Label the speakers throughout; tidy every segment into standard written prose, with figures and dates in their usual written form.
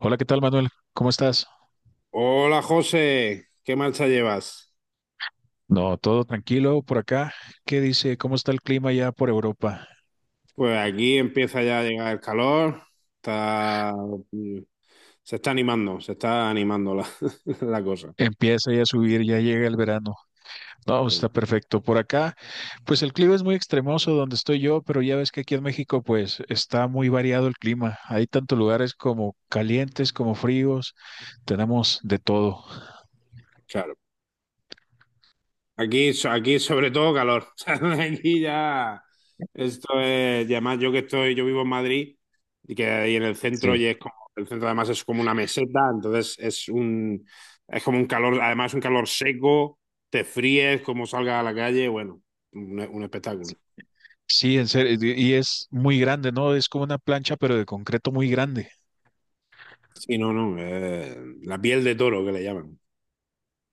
Speaker 1: Hola, ¿qué tal, Manuel? ¿Cómo estás?
Speaker 2: Hola José, ¿qué marcha llevas?
Speaker 1: No, todo tranquilo por acá. ¿Qué dice? ¿Cómo está el clima ya por Europa?
Speaker 2: Pues aquí empieza ya a llegar el calor, está, se está animando la, la cosa.
Speaker 1: Empieza ya a subir, ya llega el verano. No, pues, está perfecto. Por acá, pues el clima es muy extremoso donde estoy yo, pero ya ves que aquí en México, pues está muy variado el clima. Hay tantos lugares como calientes, como fríos. Tenemos de todo.
Speaker 2: Claro, aquí sobre todo calor, o sea, aquí ya, esto es, y además yo vivo en Madrid y que ahí en el centro
Speaker 1: Sí.
Speaker 2: y es como, el centro además es como una meseta, entonces es como un calor, además un calor seco, te fríes como salgas a la calle, bueno, un espectáculo.
Speaker 1: Sí, en serio. Y es muy grande, ¿no? Es como una plancha, pero de concreto muy grande.
Speaker 2: Sí, no, no, la piel de toro que le llaman.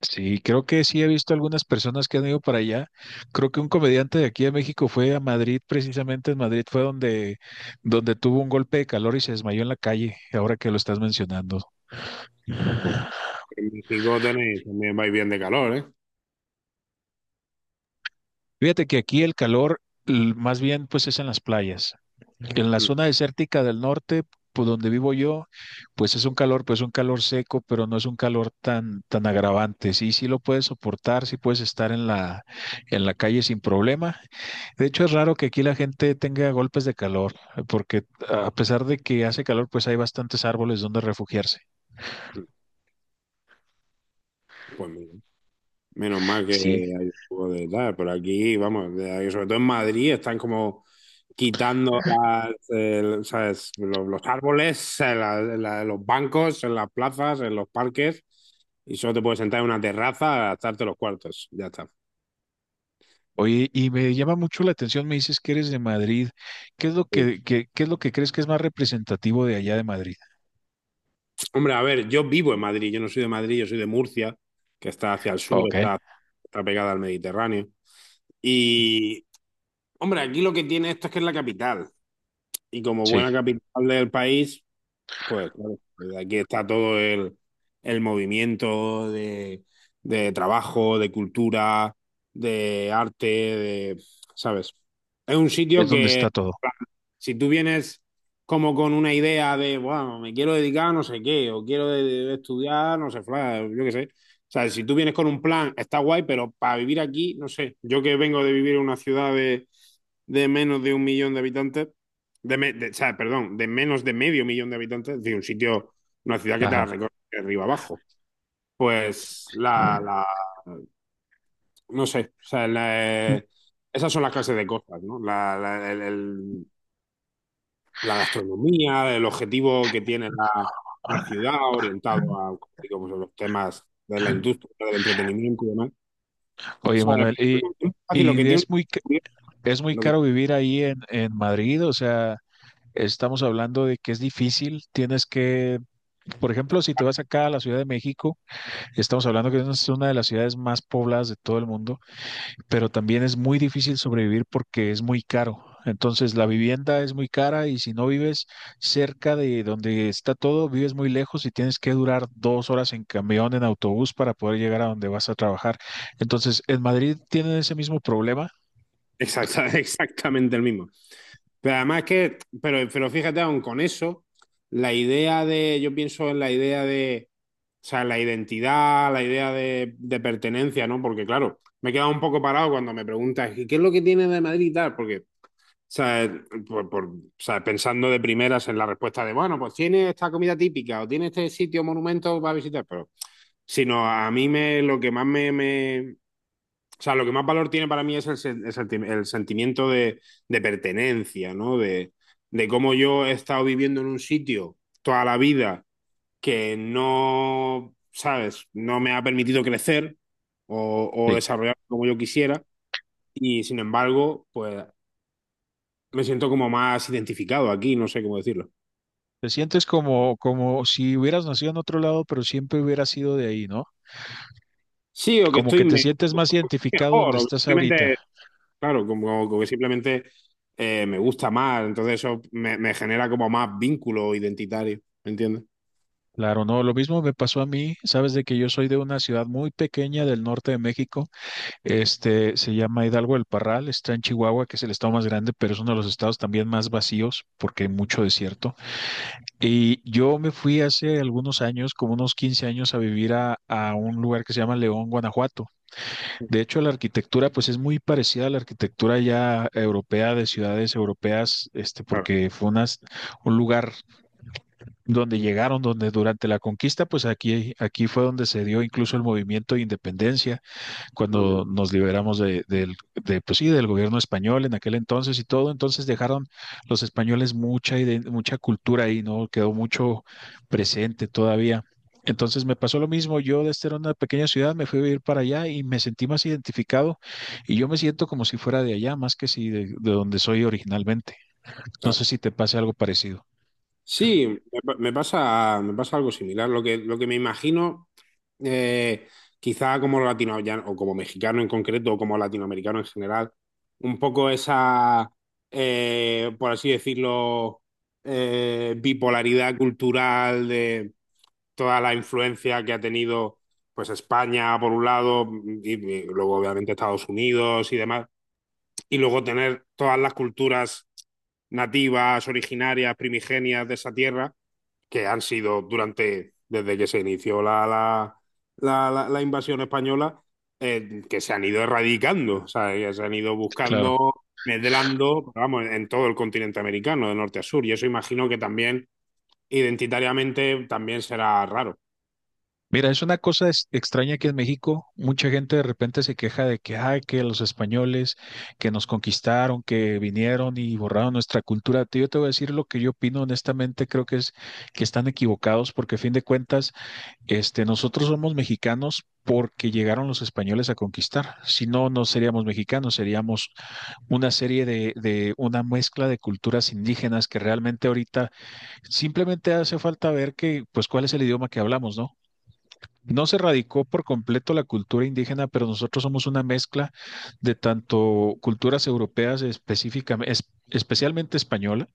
Speaker 1: Sí, creo que sí he visto algunas personas que han ido para allá. Creo que un comediante de aquí de México fue a Madrid, precisamente en Madrid fue donde tuvo un golpe de calor y se desmayó en la calle, ahora que lo estás mencionando.
Speaker 2: Pues en México tenéis, también vais bien de calor, ¿eh?
Speaker 1: Fíjate que aquí el calor más bien pues es en las playas. En la
Speaker 2: Mm,
Speaker 1: zona desértica del norte, por donde vivo yo, pues es un calor, pues un calor seco, pero no es un calor tan, tan agravante. Sí, sí lo puedes soportar, sí puedes estar en en la calle sin problema. De hecho, es raro que aquí la gente tenga golpes de calor, porque a pesar de que hace calor, pues hay bastantes árboles donde refugiarse.
Speaker 2: mm. Pues mira, menos mal que hay
Speaker 1: Sí.
Speaker 2: un poco de tal, pero aquí, vamos, ahí, sobre todo en Madrid están como quitando las, ¿sabes? Los árboles, los bancos, en las plazas, en los parques, y solo te puedes sentar en una terraza a gastarte los cuartos, ya está.
Speaker 1: Oye, y me llama mucho la atención, me dices que eres de Madrid. ¿Qué es lo que, qué es lo que crees que es más representativo de allá de Madrid?
Speaker 2: Hombre, a ver, yo vivo en Madrid, yo no soy de Madrid, yo soy de Murcia, que está hacia el sur,
Speaker 1: Ok,
Speaker 2: está pegada al Mediterráneo. Y, hombre, aquí lo que tiene esto es que es la capital. Y como
Speaker 1: sí,
Speaker 2: buena capital del país, pues claro, desde aquí está todo el movimiento de, trabajo, de cultura, de arte, de, ¿sabes? Es un sitio
Speaker 1: es donde
Speaker 2: que
Speaker 1: está todo.
Speaker 2: si tú vienes como con una idea de, bueno, me quiero dedicar a no sé qué, o quiero estudiar, no sé, yo qué sé. O sea, si tú vienes con un plan, está guay, pero para vivir aquí, no sé. Yo que vengo de vivir en una ciudad de menos de un millón de habitantes, o sea, perdón, de menos de medio millón de habitantes, es decir, un sitio, una ciudad que te la
Speaker 1: Ajá.
Speaker 2: recorre de arriba abajo. Pues no sé, o sea,
Speaker 1: Mm.
Speaker 2: esas son las clases de cosas, ¿no? La gastronomía, el objetivo que tiene la ciudad orientado a, como digo, pues, a los temas de la industria, del entretenimiento y demás. O
Speaker 1: Oye,
Speaker 2: sea,
Speaker 1: Manuel, y,
Speaker 2: pero es fácil, lo que
Speaker 1: y
Speaker 2: tiene
Speaker 1: es muy, es muy
Speaker 2: lo que,
Speaker 1: caro vivir ahí en Madrid, o sea, estamos hablando de que es difícil, tienes que, por ejemplo, si te vas acá a la Ciudad de México, estamos hablando que es una de las ciudades más pobladas de todo el mundo. Pero también es muy difícil sobrevivir porque es muy caro. Entonces la vivienda es muy cara y si no vives cerca de donde está todo, vives muy lejos y tienes que durar 2 horas en camión, en autobús para poder llegar a donde vas a trabajar. Entonces, ¿en Madrid tienen ese mismo problema?
Speaker 2: exactamente el mismo. Pero además es que, pero fíjate, aún con eso, la idea de, yo pienso en la idea de, o sea, la identidad, la idea de pertenencia, ¿no? Porque claro, me he quedado un poco parado cuando me preguntas, ¿y qué es lo que tiene de Madrid y tal? Porque O sea, pensando de primeras en la respuesta de, bueno, pues tiene esta comida típica o tiene este sitio, monumento para visitar, pero sino a mí me, lo que más o sea, lo que más valor tiene para mí es el sentimiento de pertenencia, ¿no? De cómo yo he estado viviendo en un sitio toda la vida que no, ¿sabes? No me ha permitido crecer o
Speaker 1: Sí.
Speaker 2: desarrollar como yo quisiera. Y sin embargo, pues me siento como más identificado aquí, no sé cómo decirlo.
Speaker 1: Te sientes como, como si hubieras nacido en otro lado, pero siempre hubieras sido de ahí, ¿no?
Speaker 2: Sí, o que
Speaker 1: Como
Speaker 2: estoy
Speaker 1: que te sientes más identificado
Speaker 2: mejor,
Speaker 1: donde
Speaker 2: o que
Speaker 1: estás
Speaker 2: simplemente,
Speaker 1: ahorita.
Speaker 2: claro, como que simplemente me gusta más, entonces eso me genera como más vínculo identitario, ¿me entiendes?
Speaker 1: Claro, no, lo mismo me pasó a mí, sabes de que yo soy de una ciudad muy pequeña del norte de México, este se llama Hidalgo del Parral, está en Chihuahua, que es el estado más grande, pero es uno de los estados también más vacíos porque hay mucho desierto. Y yo me fui hace algunos años, como unos 15 años, a vivir a un lugar que se llama León, Guanajuato. De hecho, la arquitectura pues es muy parecida a la arquitectura ya europea de ciudades europeas, este
Speaker 2: Claro.
Speaker 1: porque fue un lugar donde llegaron, donde durante la conquista, pues aquí, aquí fue donde se dio incluso el movimiento de independencia, cuando nos liberamos de, pues sí, del gobierno español en aquel entonces y todo, entonces dejaron los españoles mucha, mucha cultura ahí, ¿no? Quedó mucho presente todavía. Entonces me pasó lo mismo, yo desde una pequeña ciudad me fui a vivir para allá y me sentí más identificado y yo me siento como si fuera de allá, más que si de, de donde soy originalmente. No sé
Speaker 2: Claro.
Speaker 1: si te pase algo parecido.
Speaker 2: Sí, me pasa algo similar. Lo que me imagino, eh, quizá como latino o como mexicano en concreto, o como latinoamericano en general, un poco esa, por así decirlo, bipolaridad cultural de toda la influencia que ha tenido pues España por un lado y luego obviamente Estados Unidos y demás y luego tener todas las culturas nativas, originarias, primigenias de esa tierra, que han sido durante, desde que se inició la invasión española, que se han ido erradicando, o sea, que se han ido buscando,
Speaker 1: Claro.
Speaker 2: medrando, vamos, en todo el continente americano, de norte a sur, y eso imagino que también identitariamente también será raro.
Speaker 1: Mira, es una cosa extraña que en México mucha gente de repente se queja de que, ay, que los españoles que nos conquistaron, que vinieron y borraron nuestra cultura. Yo te voy a decir lo que yo opino honestamente, creo que es que están equivocados porque a fin de cuentas, este, nosotros somos mexicanos porque llegaron los españoles a conquistar. Si no, no seríamos mexicanos, seríamos una serie de una mezcla de culturas indígenas que realmente ahorita simplemente hace falta ver que, pues, cuál es el idioma que hablamos, ¿no? No se radicó por completo la cultura indígena, pero nosotros somos una mezcla de tanto culturas europeas específicamente, especialmente española,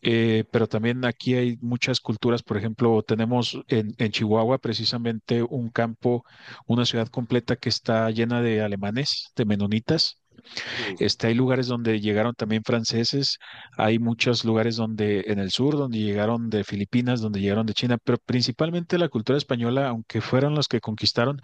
Speaker 1: pero también aquí hay muchas culturas. Por ejemplo, tenemos en Chihuahua precisamente un campo, una ciudad completa que está llena de alemanes, de menonitas.
Speaker 2: Mm.
Speaker 1: Este, hay lugares donde llegaron también franceses, hay muchos lugares donde en el sur, donde llegaron de Filipinas, donde llegaron de China, pero principalmente la cultura española, aunque fueron los que conquistaron,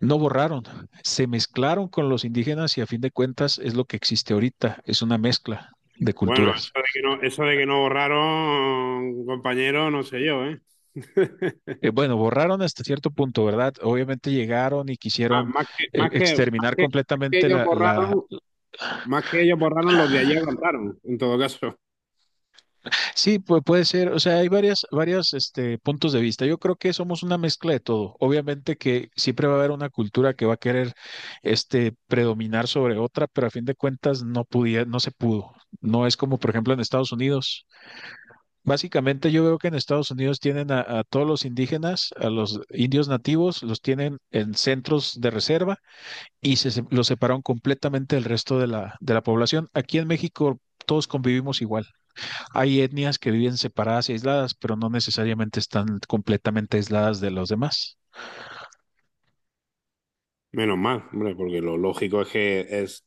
Speaker 1: no borraron, se mezclaron con los indígenas y a fin de cuentas es lo que existe ahorita, es una mezcla de
Speaker 2: Bueno,
Speaker 1: culturas.
Speaker 2: eso de que no, eso de que no borraron, compañero, no sé yo, ¿eh?
Speaker 1: Bueno, borraron hasta cierto punto, ¿verdad? Obviamente llegaron y
Speaker 2: Ah,
Speaker 1: quisieron
Speaker 2: más que, más que,
Speaker 1: exterminar
Speaker 2: más que, que
Speaker 1: completamente
Speaker 2: ellos
Speaker 1: la.
Speaker 2: borraron, más que ellos borraron los de ayer borraron, en todo caso.
Speaker 1: Sí, pues puede ser, o sea, hay varias, varias, este, puntos de vista. Yo creo que somos una mezcla de todo. Obviamente que siempre va a haber una cultura que va a querer, este, predominar sobre otra, pero a fin de cuentas no podía, no se pudo. No es como, por ejemplo, en Estados Unidos. Básicamente yo veo que en Estados Unidos tienen a todos los indígenas, a los indios nativos, los tienen en centros de reserva y los separaron completamente del resto de la población. Aquí en México todos convivimos igual. Hay etnias que viven separadas y aisladas, pero no necesariamente están completamente aisladas de los demás.
Speaker 2: Menos mal, hombre, porque lo lógico es que es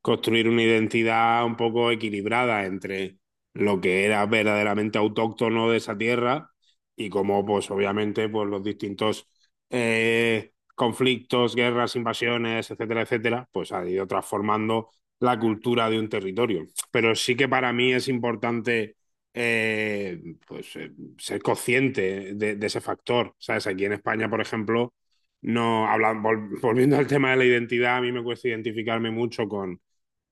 Speaker 2: construir una identidad un poco equilibrada entre lo que era verdaderamente autóctono de esa tierra y cómo, pues obviamente, pues los distintos conflictos, guerras, invasiones, etcétera, etcétera, pues ha ido transformando la cultura de un territorio. Pero sí que para mí es importante eh, pues, eh, ser consciente de, ese factor. ¿Sabes? Aquí en España, por ejemplo no, volviendo al tema de la identidad, a mí me cuesta identificarme mucho con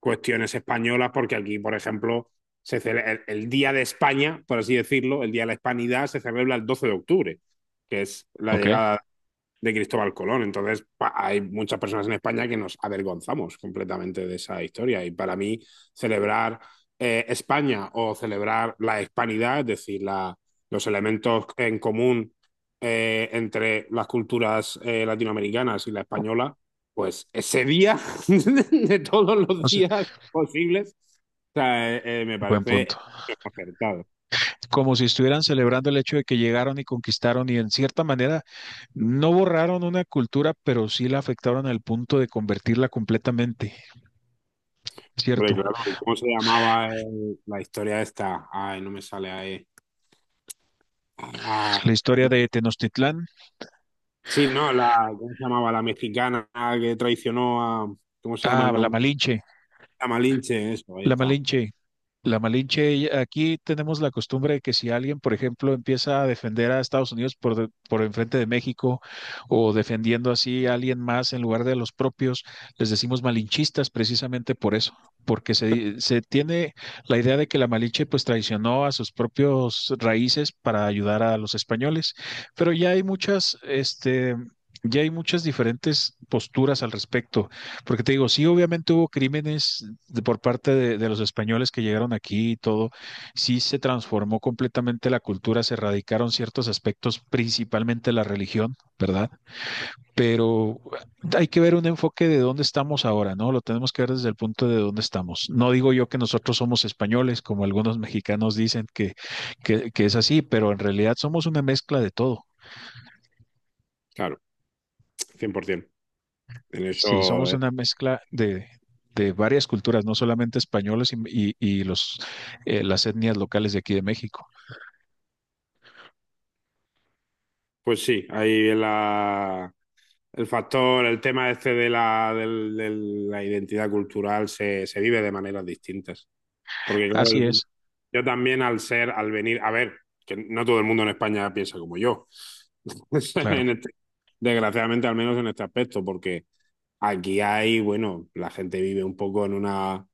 Speaker 2: cuestiones españolas, porque aquí, por ejemplo, el Día de España, por así decirlo, el Día de la Hispanidad, se celebra el 12 de octubre, que es la, sí,
Speaker 1: Ok.
Speaker 2: llegada de Cristóbal Colón. Entonces, hay muchas personas en España que nos avergonzamos completamente de esa historia. Y para mí, celebrar España o celebrar la hispanidad, es decir, los elementos en común entre las culturas latinoamericanas y la española, pues ese día de todos
Speaker 1: O
Speaker 2: los
Speaker 1: sea,
Speaker 2: días posibles, o sea, me
Speaker 1: buen punto.
Speaker 2: parece acertado.
Speaker 1: Como si estuvieran celebrando el hecho de que llegaron y conquistaron y en cierta manera no borraron una cultura, pero sí la afectaron al punto de convertirla completamente.
Speaker 2: Hombre, claro,
Speaker 1: Cierto.
Speaker 2: ¿cómo se llamaba la historia esta? Ay, no me sale ahí. Ah,
Speaker 1: La historia de Tenochtitlán.
Speaker 2: sí, no, ¿cómo se llamaba? La mexicana que traicionó a, ¿cómo se llama
Speaker 1: Ah,
Speaker 2: el
Speaker 1: la
Speaker 2: nombre?
Speaker 1: Malinche.
Speaker 2: A Malinche, eso, ahí
Speaker 1: La
Speaker 2: está.
Speaker 1: Malinche. La Malinche, aquí tenemos la costumbre de que si alguien, por ejemplo, empieza a defender a Estados Unidos por enfrente de México o defendiendo así a alguien más en lugar de a los propios, les decimos malinchistas precisamente por eso, porque se tiene la idea de que la Malinche pues traicionó a sus propios raíces para ayudar a los españoles, pero ya hay muchas, este... Ya hay muchas diferentes posturas al respecto. Porque te digo, sí, obviamente hubo crímenes por parte de los españoles que llegaron aquí y todo. Sí se transformó completamente la cultura, se erradicaron ciertos aspectos, principalmente la religión, ¿verdad? Pero hay que ver un enfoque de dónde estamos ahora, ¿no? Lo tenemos que ver desde el punto de dónde estamos. No digo yo que nosotros somos españoles, como algunos mexicanos dicen que, que es así, pero en realidad somos una mezcla de todo.
Speaker 2: Claro, 100%. En
Speaker 1: Sí,
Speaker 2: eso,
Speaker 1: somos
Speaker 2: eh.
Speaker 1: una mezcla de varias culturas, no solamente españoles y los, las etnias locales de aquí de México.
Speaker 2: Pues sí, ahí el factor, el tema este de la identidad cultural se vive de maneras distintas. Porque claro,
Speaker 1: Así es,
Speaker 2: yo también al ser, al venir, a ver, que no todo el mundo en España piensa como yo.
Speaker 1: claro.
Speaker 2: En este- desgraciadamente, al menos en este aspecto, porque aquí hay, bueno, la gente vive un poco en una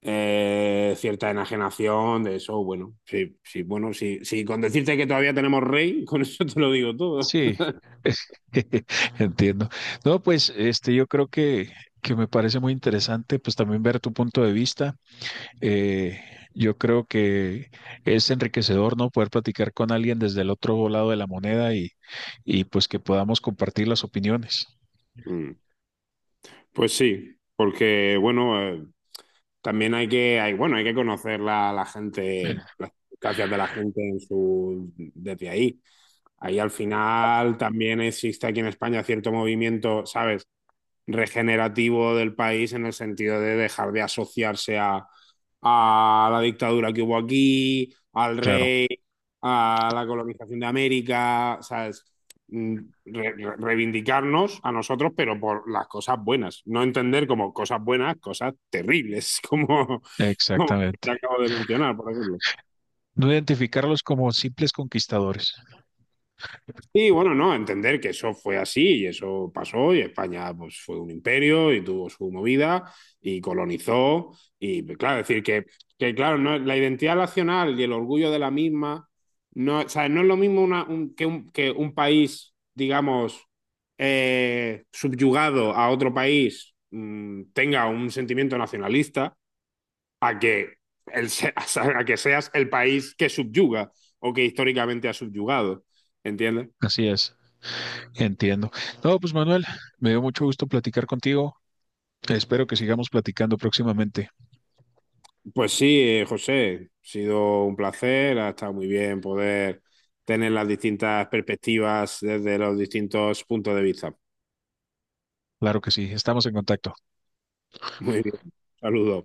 Speaker 2: cierta enajenación de eso. Bueno, sí, sí, bueno, sí, sí, con decirte que todavía tenemos rey, con eso te lo digo todo.
Speaker 1: Sí, entiendo. No, pues este, yo creo que me parece muy interesante, pues también ver tu punto de vista. Eh, yo creo que es enriquecedor, ¿no? Poder platicar con alguien desde el otro lado de la moneda y pues que podamos compartir las opiniones.
Speaker 2: Mm. Pues sí, porque bueno, también bueno, hay que conocer la gente, las circunstancias de la gente en su, desde ahí. Ahí al final también existe aquí en España cierto movimiento, ¿sabes?, regenerativo del país en el sentido de dejar de asociarse a, la dictadura que hubo aquí, al
Speaker 1: Claro,
Speaker 2: rey, a la colonización de América, ¿sabes? Mm. Re re reivindicarnos a nosotros, pero por las cosas buenas. No entender como cosas buenas, cosas terribles, como
Speaker 1: exactamente.
Speaker 2: te acabo de mencionar, por ejemplo.
Speaker 1: No identificarlos como simples conquistadores.
Speaker 2: Sí, bueno, no, entender que eso fue así y eso pasó y España pues fue un imperio y tuvo su movida y colonizó y pues, claro, decir que claro, no, la identidad nacional y el orgullo de la misma no, o sea, no es lo mismo que un país, digamos, subyugado a otro país, tenga un sentimiento nacionalista a que, el, se- a que seas el país que subyuga o que históricamente ha subyugado, ¿entiendes?
Speaker 1: Así es, entiendo. No, pues Manuel, me dio mucho gusto platicar contigo. Espero que sigamos platicando próximamente.
Speaker 2: Pues sí, José, ha sido un placer, ha estado muy bien poder tener las distintas perspectivas desde los distintos puntos de vista.
Speaker 1: Claro que sí, estamos en contacto.
Speaker 2: Muy bien, saludos.